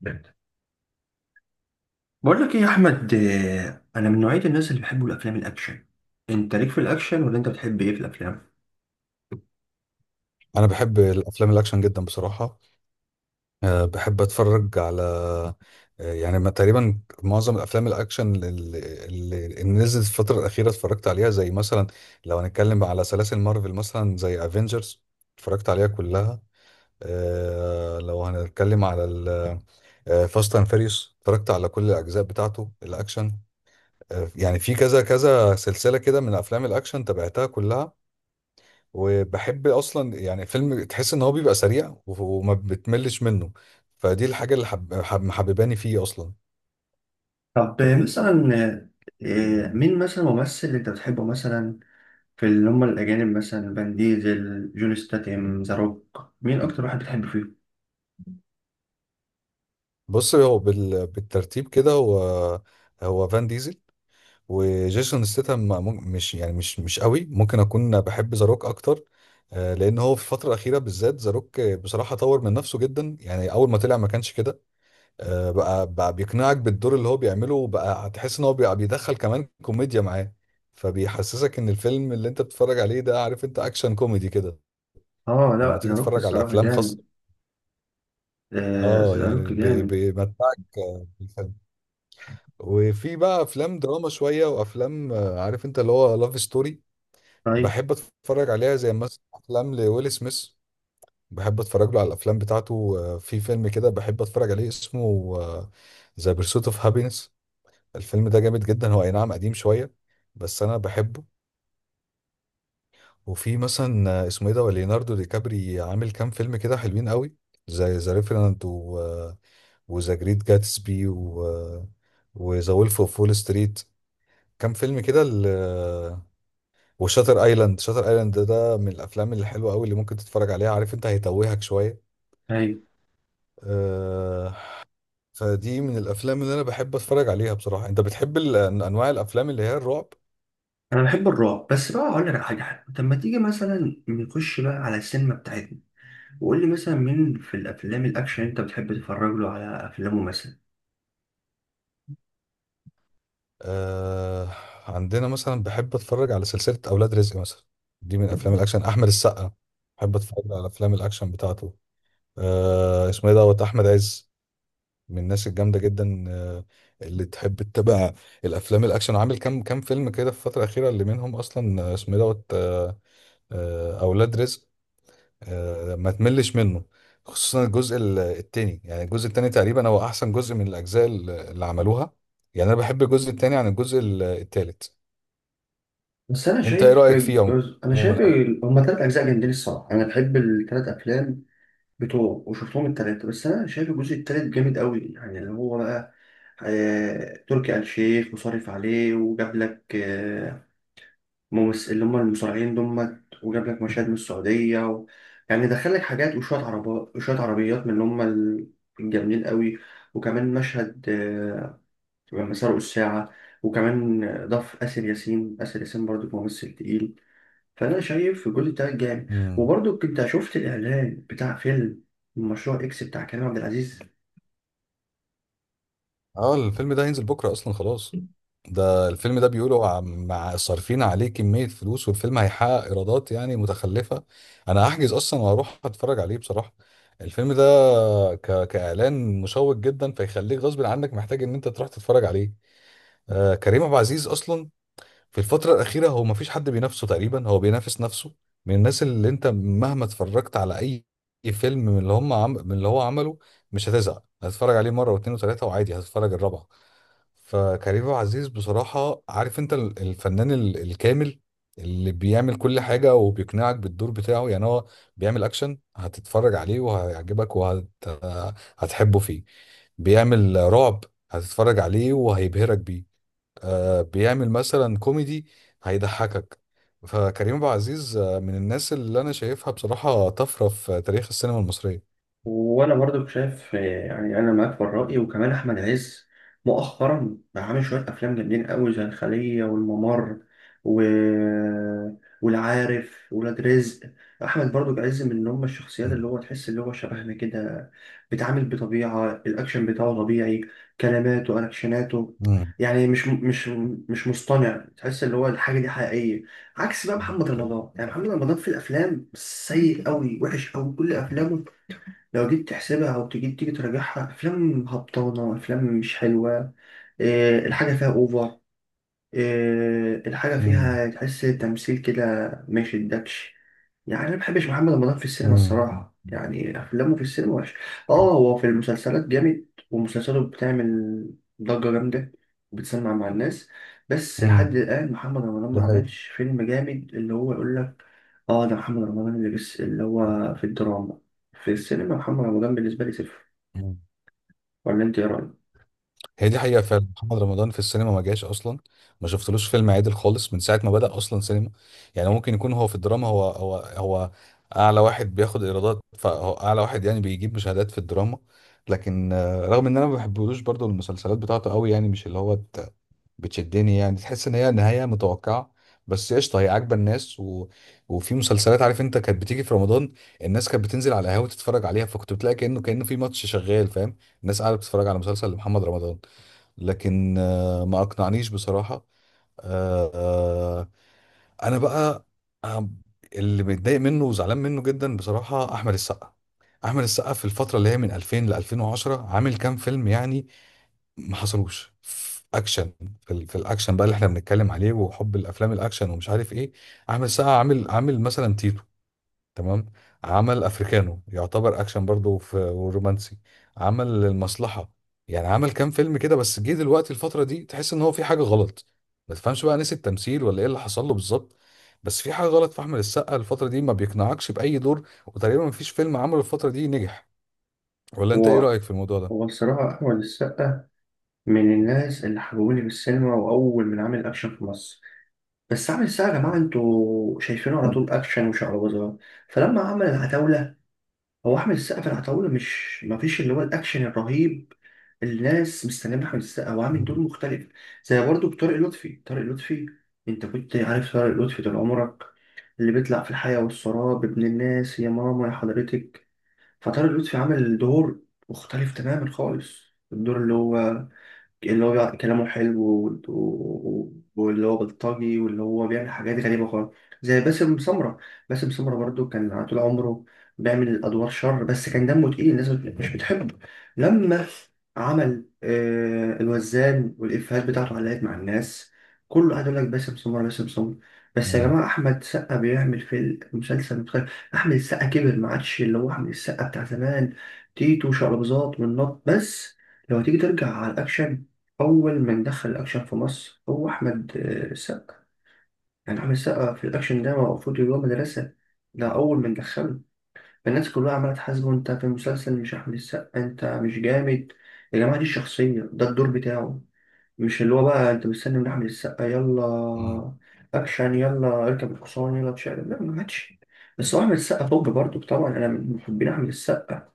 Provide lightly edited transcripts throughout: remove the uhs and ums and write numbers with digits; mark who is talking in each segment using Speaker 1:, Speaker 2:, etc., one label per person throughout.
Speaker 1: جامد. بقول لك ايه يا احمد، انا من نوعيه الناس اللي بيحبوا الافلام الاكشن. انت ليك في الاكشن ولا انت بتحب ايه في الافلام؟
Speaker 2: انا بحب الافلام الاكشن جدا بصراحه. بحب اتفرج على أه يعني ما- تقريبا معظم الافلام الاكشن اللي نزلت الفتره الاخيره اتفرجت عليها، زي مثلا لو هنتكلم على سلاسل مارفل مثلا زي افنجرز اتفرجت عليها كلها. لو هنتكلم على فاست اند فيريوس اتفرجت على كل الاجزاء بتاعته الاكشن. يعني في كذا كذا سلسله كده من افلام الاكشن تابعتها كلها، وبحب اصلا يعني فيلم تحس ان هو بيبقى سريع وما بتملش منه. فدي الحاجه اللي محبباني فيه اصلا.
Speaker 1: طب مثلا مين مثلا ممثل انت بتحبه مثلا؟ في اللي هم الأجانب مثلا فان ديزل، جون ستاتيم، ذا روك، مين أكتر واحد بتحب فيهم؟
Speaker 2: بص، هو بالترتيب كده، هو فان ديزل وجيسون ستاtham، مش يعني، مش قوي، ممكن اكون بحب ذا روك اكتر. آه، لان هو في الفتره الاخيره بالذات ذا روك بصراحه طور من نفسه جدا. يعني اول ما طلع ما كانش كده، آه، بقى بيقنعك بالدور اللي هو بيعمله، وبقى هتحس ان هو بقى بيدخل كمان كوميديا معاه، فبيحسسك ان الفيلم اللي انت بتتفرج عليه ده، عارف انت، اكشن كوميدي كده لما
Speaker 1: لا،
Speaker 2: تيجي
Speaker 1: ذا روك
Speaker 2: تتفرج على
Speaker 1: الصراحة
Speaker 2: افلام
Speaker 1: جامد.
Speaker 2: خاصة. اه
Speaker 1: ذا
Speaker 2: يعني
Speaker 1: روك جامد.
Speaker 2: بيمتعك آه، بالفيلم. وفي بقى افلام دراما شوية، وافلام آه، عارف انت، اللي هو لاف ستوري
Speaker 1: طيب.
Speaker 2: بحب اتفرج عليها، زي مثلا افلام لويل سميث. بحب اتفرج له على الافلام بتاعته. آه، في فيلم كده بحب اتفرج عليه اسمه ذا بيرسوت اوف هابينس. الفيلم ده جامد جدا. هو اي نعم قديم شوية بس انا بحبه. وفي مثلا آه، اسمه ايه ده، ليوناردو دي كابري عامل كام فيلم كده حلوين قوي، زي ذا ريفرنت و... وذا جريت جاتسبي و... وذا وولف اوف وول ستريت. كام فيلم كده وشاتر ايلاند. شاتر ايلاند ده من الافلام الحلوه قوي اللي ممكن تتفرج عليها. عارف انت، هيتوهك شويه
Speaker 1: أيوة.
Speaker 2: آه، فدي من الافلام اللي انا بحب اتفرج عليها بصراحه. انت بتحب انواع الافلام اللي هي الرعب؟
Speaker 1: أنا بحب الرعب، بس بقى أقول لك على حاجة حلوة. طب ما تيجي مثلا نخش بقى على السينما بتاعتنا، وقول لي مثلا مين في الأفلام الأكشن أنت بتحب تتفرج له على أفلامه مثلا.
Speaker 2: آه. عندنا مثلا بحب اتفرج على سلسلة اولاد رزق مثلا، دي من افلام الاكشن. احمد السقا بحب اتفرج على افلام الاكشن بتاعته. آه، اسمه ايه دوت، احمد عز، من الناس الجامدة جدا آه، اللي تحب تتابع الافلام الاكشن. وعامل كام فيلم كده في الفترة الاخيرة، اللي منهم اصلا آه، اسمه ايه دوت آه، آه، اولاد رزق. آه ما تملش منه، خصوصا الجزء التاني. يعني الجزء التاني تقريبا هو احسن جزء من الاجزاء اللي عملوها. يعني انا بحب الجزء التاني عن الجزء التالت.
Speaker 1: بس أنا
Speaker 2: انت ايه
Speaker 1: شايف
Speaker 2: رأيك فيه
Speaker 1: أنا
Speaker 2: عموما؟
Speaker 1: شايف هما تلات أجزاء جامدين الصراحة، أنا بحب التلات أفلام بتوعه وشفتهم التلاتة. بس أنا شايف الجزء التالت جامد أوي، يعني اللي هو بقى تركي آل الشيخ مصرف عليه وجاب لك اللي هم المصارعين دمت، وجاب لك مشاهد من السعودية يعني دخل لك حاجات وشوية عربات وشوية عربيات من اللي هم الجامدين قوي. وكمان مشهد لما سرقوا الساعة. وكمان ضاف آسر ياسين، آسر ياسين برضو ممثل تقيل، فأنا شايف الجزء ده جامد.
Speaker 2: امم
Speaker 1: وبرضو كنت شفت الإعلان بتاع فيلم مشروع إكس بتاع كريم عبد العزيز.
Speaker 2: اه الفيلم ده هينزل بكرة اصلا خلاص. ده الفيلم ده بيقولوا مع صارفين عليه كمية فلوس، والفيلم هيحقق ايرادات يعني متخلفة. انا هحجز اصلا وهروح اتفرج عليه بصراحة الفيلم ده. كإعلان مشوق جدا، فيخليك غصب عنك محتاج ان انت تروح تتفرج عليه. آه كريم عبد العزيز اصلا في الفترة الأخيرة هو مفيش حد بينافسه، تقريبا هو بينافس نفسه. من الناس اللي أنت مهما اتفرجت على أي فيلم من من اللي هو عمله، مش هتزهق، هتتفرج عليه مرة واتنين وتلاتة وعادي هتتفرج الرابعة. فكريم عبد العزيز بصراحة، عارف أنت، الفنان الكامل، اللي بيعمل كل حاجة وبيقنعك بالدور بتاعه. يعني هو بيعمل أكشن هتتفرج عليه وهيعجبك وهتحبه فيه، بيعمل رعب هتتفرج عليه وهيبهرك بيه، آه، بيعمل مثلا كوميدي هيضحكك. فكريم عبد العزيز آه، من الناس اللي انا شايفها بصراحة طفرة في تاريخ السينما المصرية.
Speaker 1: وانا برضو شايف، يعني انا معاك في الراي. وكمان احمد عز مؤخرا بقى عامل شويه افلام جامدين قوي، زي الخليه والممر و... والعارف ولاد رزق. احمد برضو عز من هم الشخصيات
Speaker 2: مم.
Speaker 1: اللي هو تحس اللي هو شبهنا كده، بيتعامل بطبيعه الاكشن بتاعه طبيعي، كلماته اكشناته،
Speaker 2: مم.
Speaker 1: يعني مش مصطنع، تحس اللي هو الحاجه دي حقيقيه. عكس بقى محمد رمضان، يعني محمد رمضان في الافلام سيء قوي، وحش قوي كل افلامه. لو جيت تحسبها او تيجي تراجعها، افلام هبطانه، افلام مش حلوه. إيه الحاجه فيها اوفر؟ إيه الحاجه
Speaker 2: مم.
Speaker 1: فيها تحس تمثيل كده؟ ما يشدكش. يعني انا ما بحبش محمد رمضان في السينما
Speaker 2: مم.
Speaker 1: الصراحه، يعني افلامه في السينما وحش. اه هو في المسلسلات جامد، ومسلسلاته بتعمل ضجه جامده وبتسمع مع الناس. بس لحد
Speaker 2: مم.
Speaker 1: الان محمد رمضان ما
Speaker 2: ده
Speaker 1: عملش فيلم جامد اللي هو يقول لك اه ده محمد رمضان. اللي بس اللي هو في الدراما. في السينما محمد رمضان بالنسبة لي صفر.
Speaker 2: حقيقي.
Speaker 1: ولا انت ايه رأيك؟
Speaker 2: هي دي حقيقة فعلا، محمد رمضان في السينما ما جاش أصلا. ما شفتلوش فيلم عادل خالص من ساعة ما بدأ أصلا سينما. يعني ممكن يكون هو في الدراما، هو أعلى واحد بياخد إيرادات، فهو أعلى واحد يعني بيجيب مشاهدات في الدراما. لكن آه، رغم إن أنا ما بحبلوش، برضو المسلسلات بتاعته قوي يعني مش اللي هو بتشدني. يعني تحس إن هي نهاية متوقعة، بس قشطة هي عاجبة الناس و... وفي مسلسلات عارف أنت كانت بتيجي في رمضان، الناس كانت بتنزل على القهاوي تتفرج عليها، فكنت بتلاقي كأنه في ماتش شغال، فاهم؟ الناس قاعدة بتتفرج على مسلسل لمحمد رمضان. لكن آه، ما اقنعنيش بصراحة. آه، آه، انا بقى آه، اللي متضايق منه وزعلان منه جدا بصراحة، احمد السقا. احمد السقا في الفترة اللي هي من 2000 ل 2010 عامل كام فيلم يعني ما حصلوش في اكشن. في الاكشن بقى اللي احنا بنتكلم عليه وحب الافلام الاكشن ومش عارف ايه، احمد السقا عامل مثلا تيتو، تمام؟ عمل افريكانو، يعتبر اكشن برضه في ورومانسي. عمل المصلحه. يعني عمل كام فيلم كده، بس جه دلوقتي الفتره دي تحس ان هو في حاجه غلط. ما تفهمش بقى نسي التمثيل ولا ايه اللي حصل له بالظبط. بس في حاجه غلط في احمد السقا الفتره دي. ما بيقنعكش باي دور، وتقريبا ما فيش فيلم عمله الفتره دي نجح. ولا انت ايه
Speaker 1: هو
Speaker 2: رايك في الموضوع
Speaker 1: هو
Speaker 2: ده؟
Speaker 1: الصراحة أحمد السقا من الناس اللي حببوني بالسينما، وأول من عامل أكشن في مصر. بس عامل السقا يا جماعة، انتوا شايفينه على طول أكشن وشعوذة. فلما عمل العتاولة، هو أحمد السقا في العتاولة مش مفيش اللي هو الأكشن الرهيب اللي الناس مستنياه من أحمد السقا، هو عامل دور
Speaker 2: مم.
Speaker 1: مختلف. زي برضه بطارق لطفي طارق لطفي، أنت كنت عارف طارق لطفي طول عمرك اللي بيطلع في الحياة والسراب ابن الناس يا ماما يا حضرتك. فطارق لطفي عمل دور مختلف تماما خالص، الدور اللي هو كلامه حلو واللي هو بلطجي واللي هو بيعمل حاجات غريبة خالص. زي باسم سمرة، باسم سمرة برضو كان طول عمره بيعمل أدوار شر، بس كان دمه تقيل الناس مش بتحبه. لما عمل الوزان والإفيهات بتاعته علقت مع الناس، كله قاعد يقول لك باسم سمرة، باسم سمرة. بس يا جماعة أحمد سقا بيعمل في المسلسل، متخيل؟ أحمد السقا كبر، ما عادش اللي هو أحمد السقا بتاع زمان، تيتو شعر بزاط والنط بس. لو تيجي ترجع على الأكشن، أول من دخل الأكشن في مصر هو أحمد السقا. يعني أحمد السقا في الأكشن ده المفروض اللي هو مدرسة، ده أول من دخله. الناس كلها عمالة تحاسبه: أنت في المسلسل مش أحمد السقا، أنت مش جامد. يا جماعة دي الشخصية، ده الدور بتاعه، مش اللي هو بقى أنت مستني من أحمد السقا
Speaker 2: مم.
Speaker 1: يلا أكشن يلا اركب الحصان يلا تشقلب. لا، ما عادش. بس هو أحمد السقا توب برضه، طبعا أنا من محبين أحمد السقا.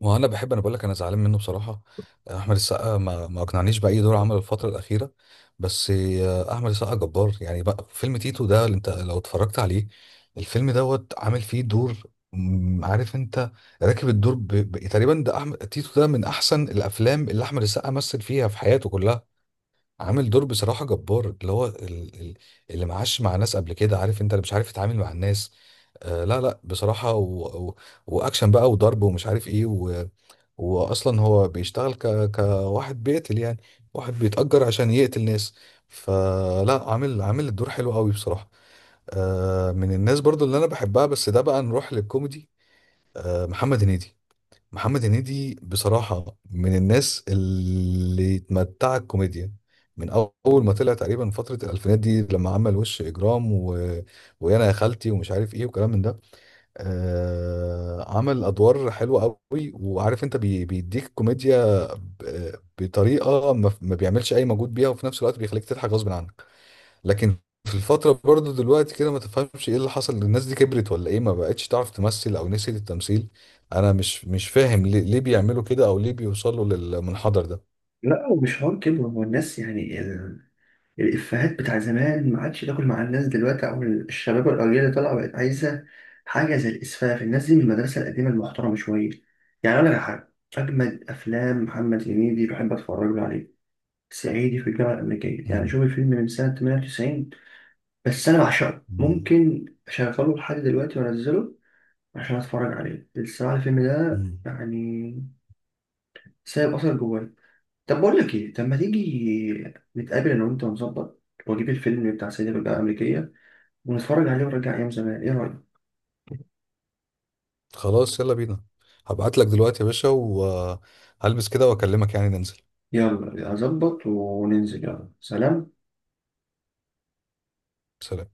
Speaker 2: وانا بحب انا بقول لك انا زعلان منه بصراحه. احمد السقا ما اقنعنيش باي دور عمله الفتره الاخيره. بس آه، احمد السقا جبار. يعني بقى فيلم تيتو ده اللي انت لو اتفرجت عليه، الفيلم دوت عامل فيه دور مم، عارف انت، راكب الدور تقريبا. ده احمد تيتو ده من احسن الافلام اللي احمد السقا مثل فيها في حياته كلها. عامل دور بصراحه جبار، اللي هو اللي معاش مع ناس قبل كده، عارف انت، اللي مش عارف يتعامل مع الناس. آه لا بصراحه، واكشن بقى وضرب ومش عارف ايه. واصلا هو بيشتغل كواحد بيقتل يعني، واحد بيتأجر عشان يقتل ناس. فلا، عامل الدور حلو قوي بصراحة. آه، من الناس برضو اللي انا بحبها، بس ده بقى نروح للكوميدي، آه، محمد هنيدي. محمد هنيدي بصراحة من الناس اللي اتمتعت الكوميديا من أول ما طلع، تقريبا فترة الألفينات دي لما عمل وش إجرام و... ويانا يا خالتي ومش عارف إيه وكلام من ده. عمل أدوار حلوة قوي، وعارف أنت، بيديك كوميديا بطريقة ما بيعملش أي مجهود بيها، وفي نفس الوقت بيخليك تضحك غصب عنك. لكن في الفترة برضه دلوقتي كده ما تفهمش ايه اللي حصل، الناس دي كبرت ولا ايه، ما بقتش تعرف تمثل او نسيت التمثيل. انا مش فاهم ليه بيعملوا كده او ليه بيوصلوا للمنحدر ده.
Speaker 1: لا ومش حوار كده، هو الناس يعني الإفيهات بتاع زمان ما عادش تاكل مع الناس دلوقتي، أو الشباب والأجيال اللي طالعة بقت عايزة حاجة زي الإسفاف. الناس دي من المدرسة القديمة المحترمة شوية. يعني أقول لك على حاجة، أجمد أفلام محمد هنيدي بحب أتفرج له عليه صعيدي في الجامعة الأمريكية. يعني
Speaker 2: مم.
Speaker 1: شوف الفيلم من سنة 98، بس أنا بعشقه
Speaker 2: مم.
Speaker 1: ممكن أشغله لحد دلوقتي وأنزله عشان أتفرج عليه الصراحة. الفيلم ده
Speaker 2: مم.
Speaker 1: يعني سايب أثر جوايا. طب بقول لك إيه، طب ما تيجي نتقابل أنا وأنت ونظبط وأجيب الفيلم بتاع صعيدي في الجامعة الأمريكية ونتفرج عليه ونرجع أيام زمان، إيه رأيك؟
Speaker 2: خلاص يلا بينا. هبعت لك دلوقتي يا باشا وهلبس كده واكلمك يعني ننزل.
Speaker 1: يلا أظبط وننزل، يلا سلام.
Speaker 2: سلام.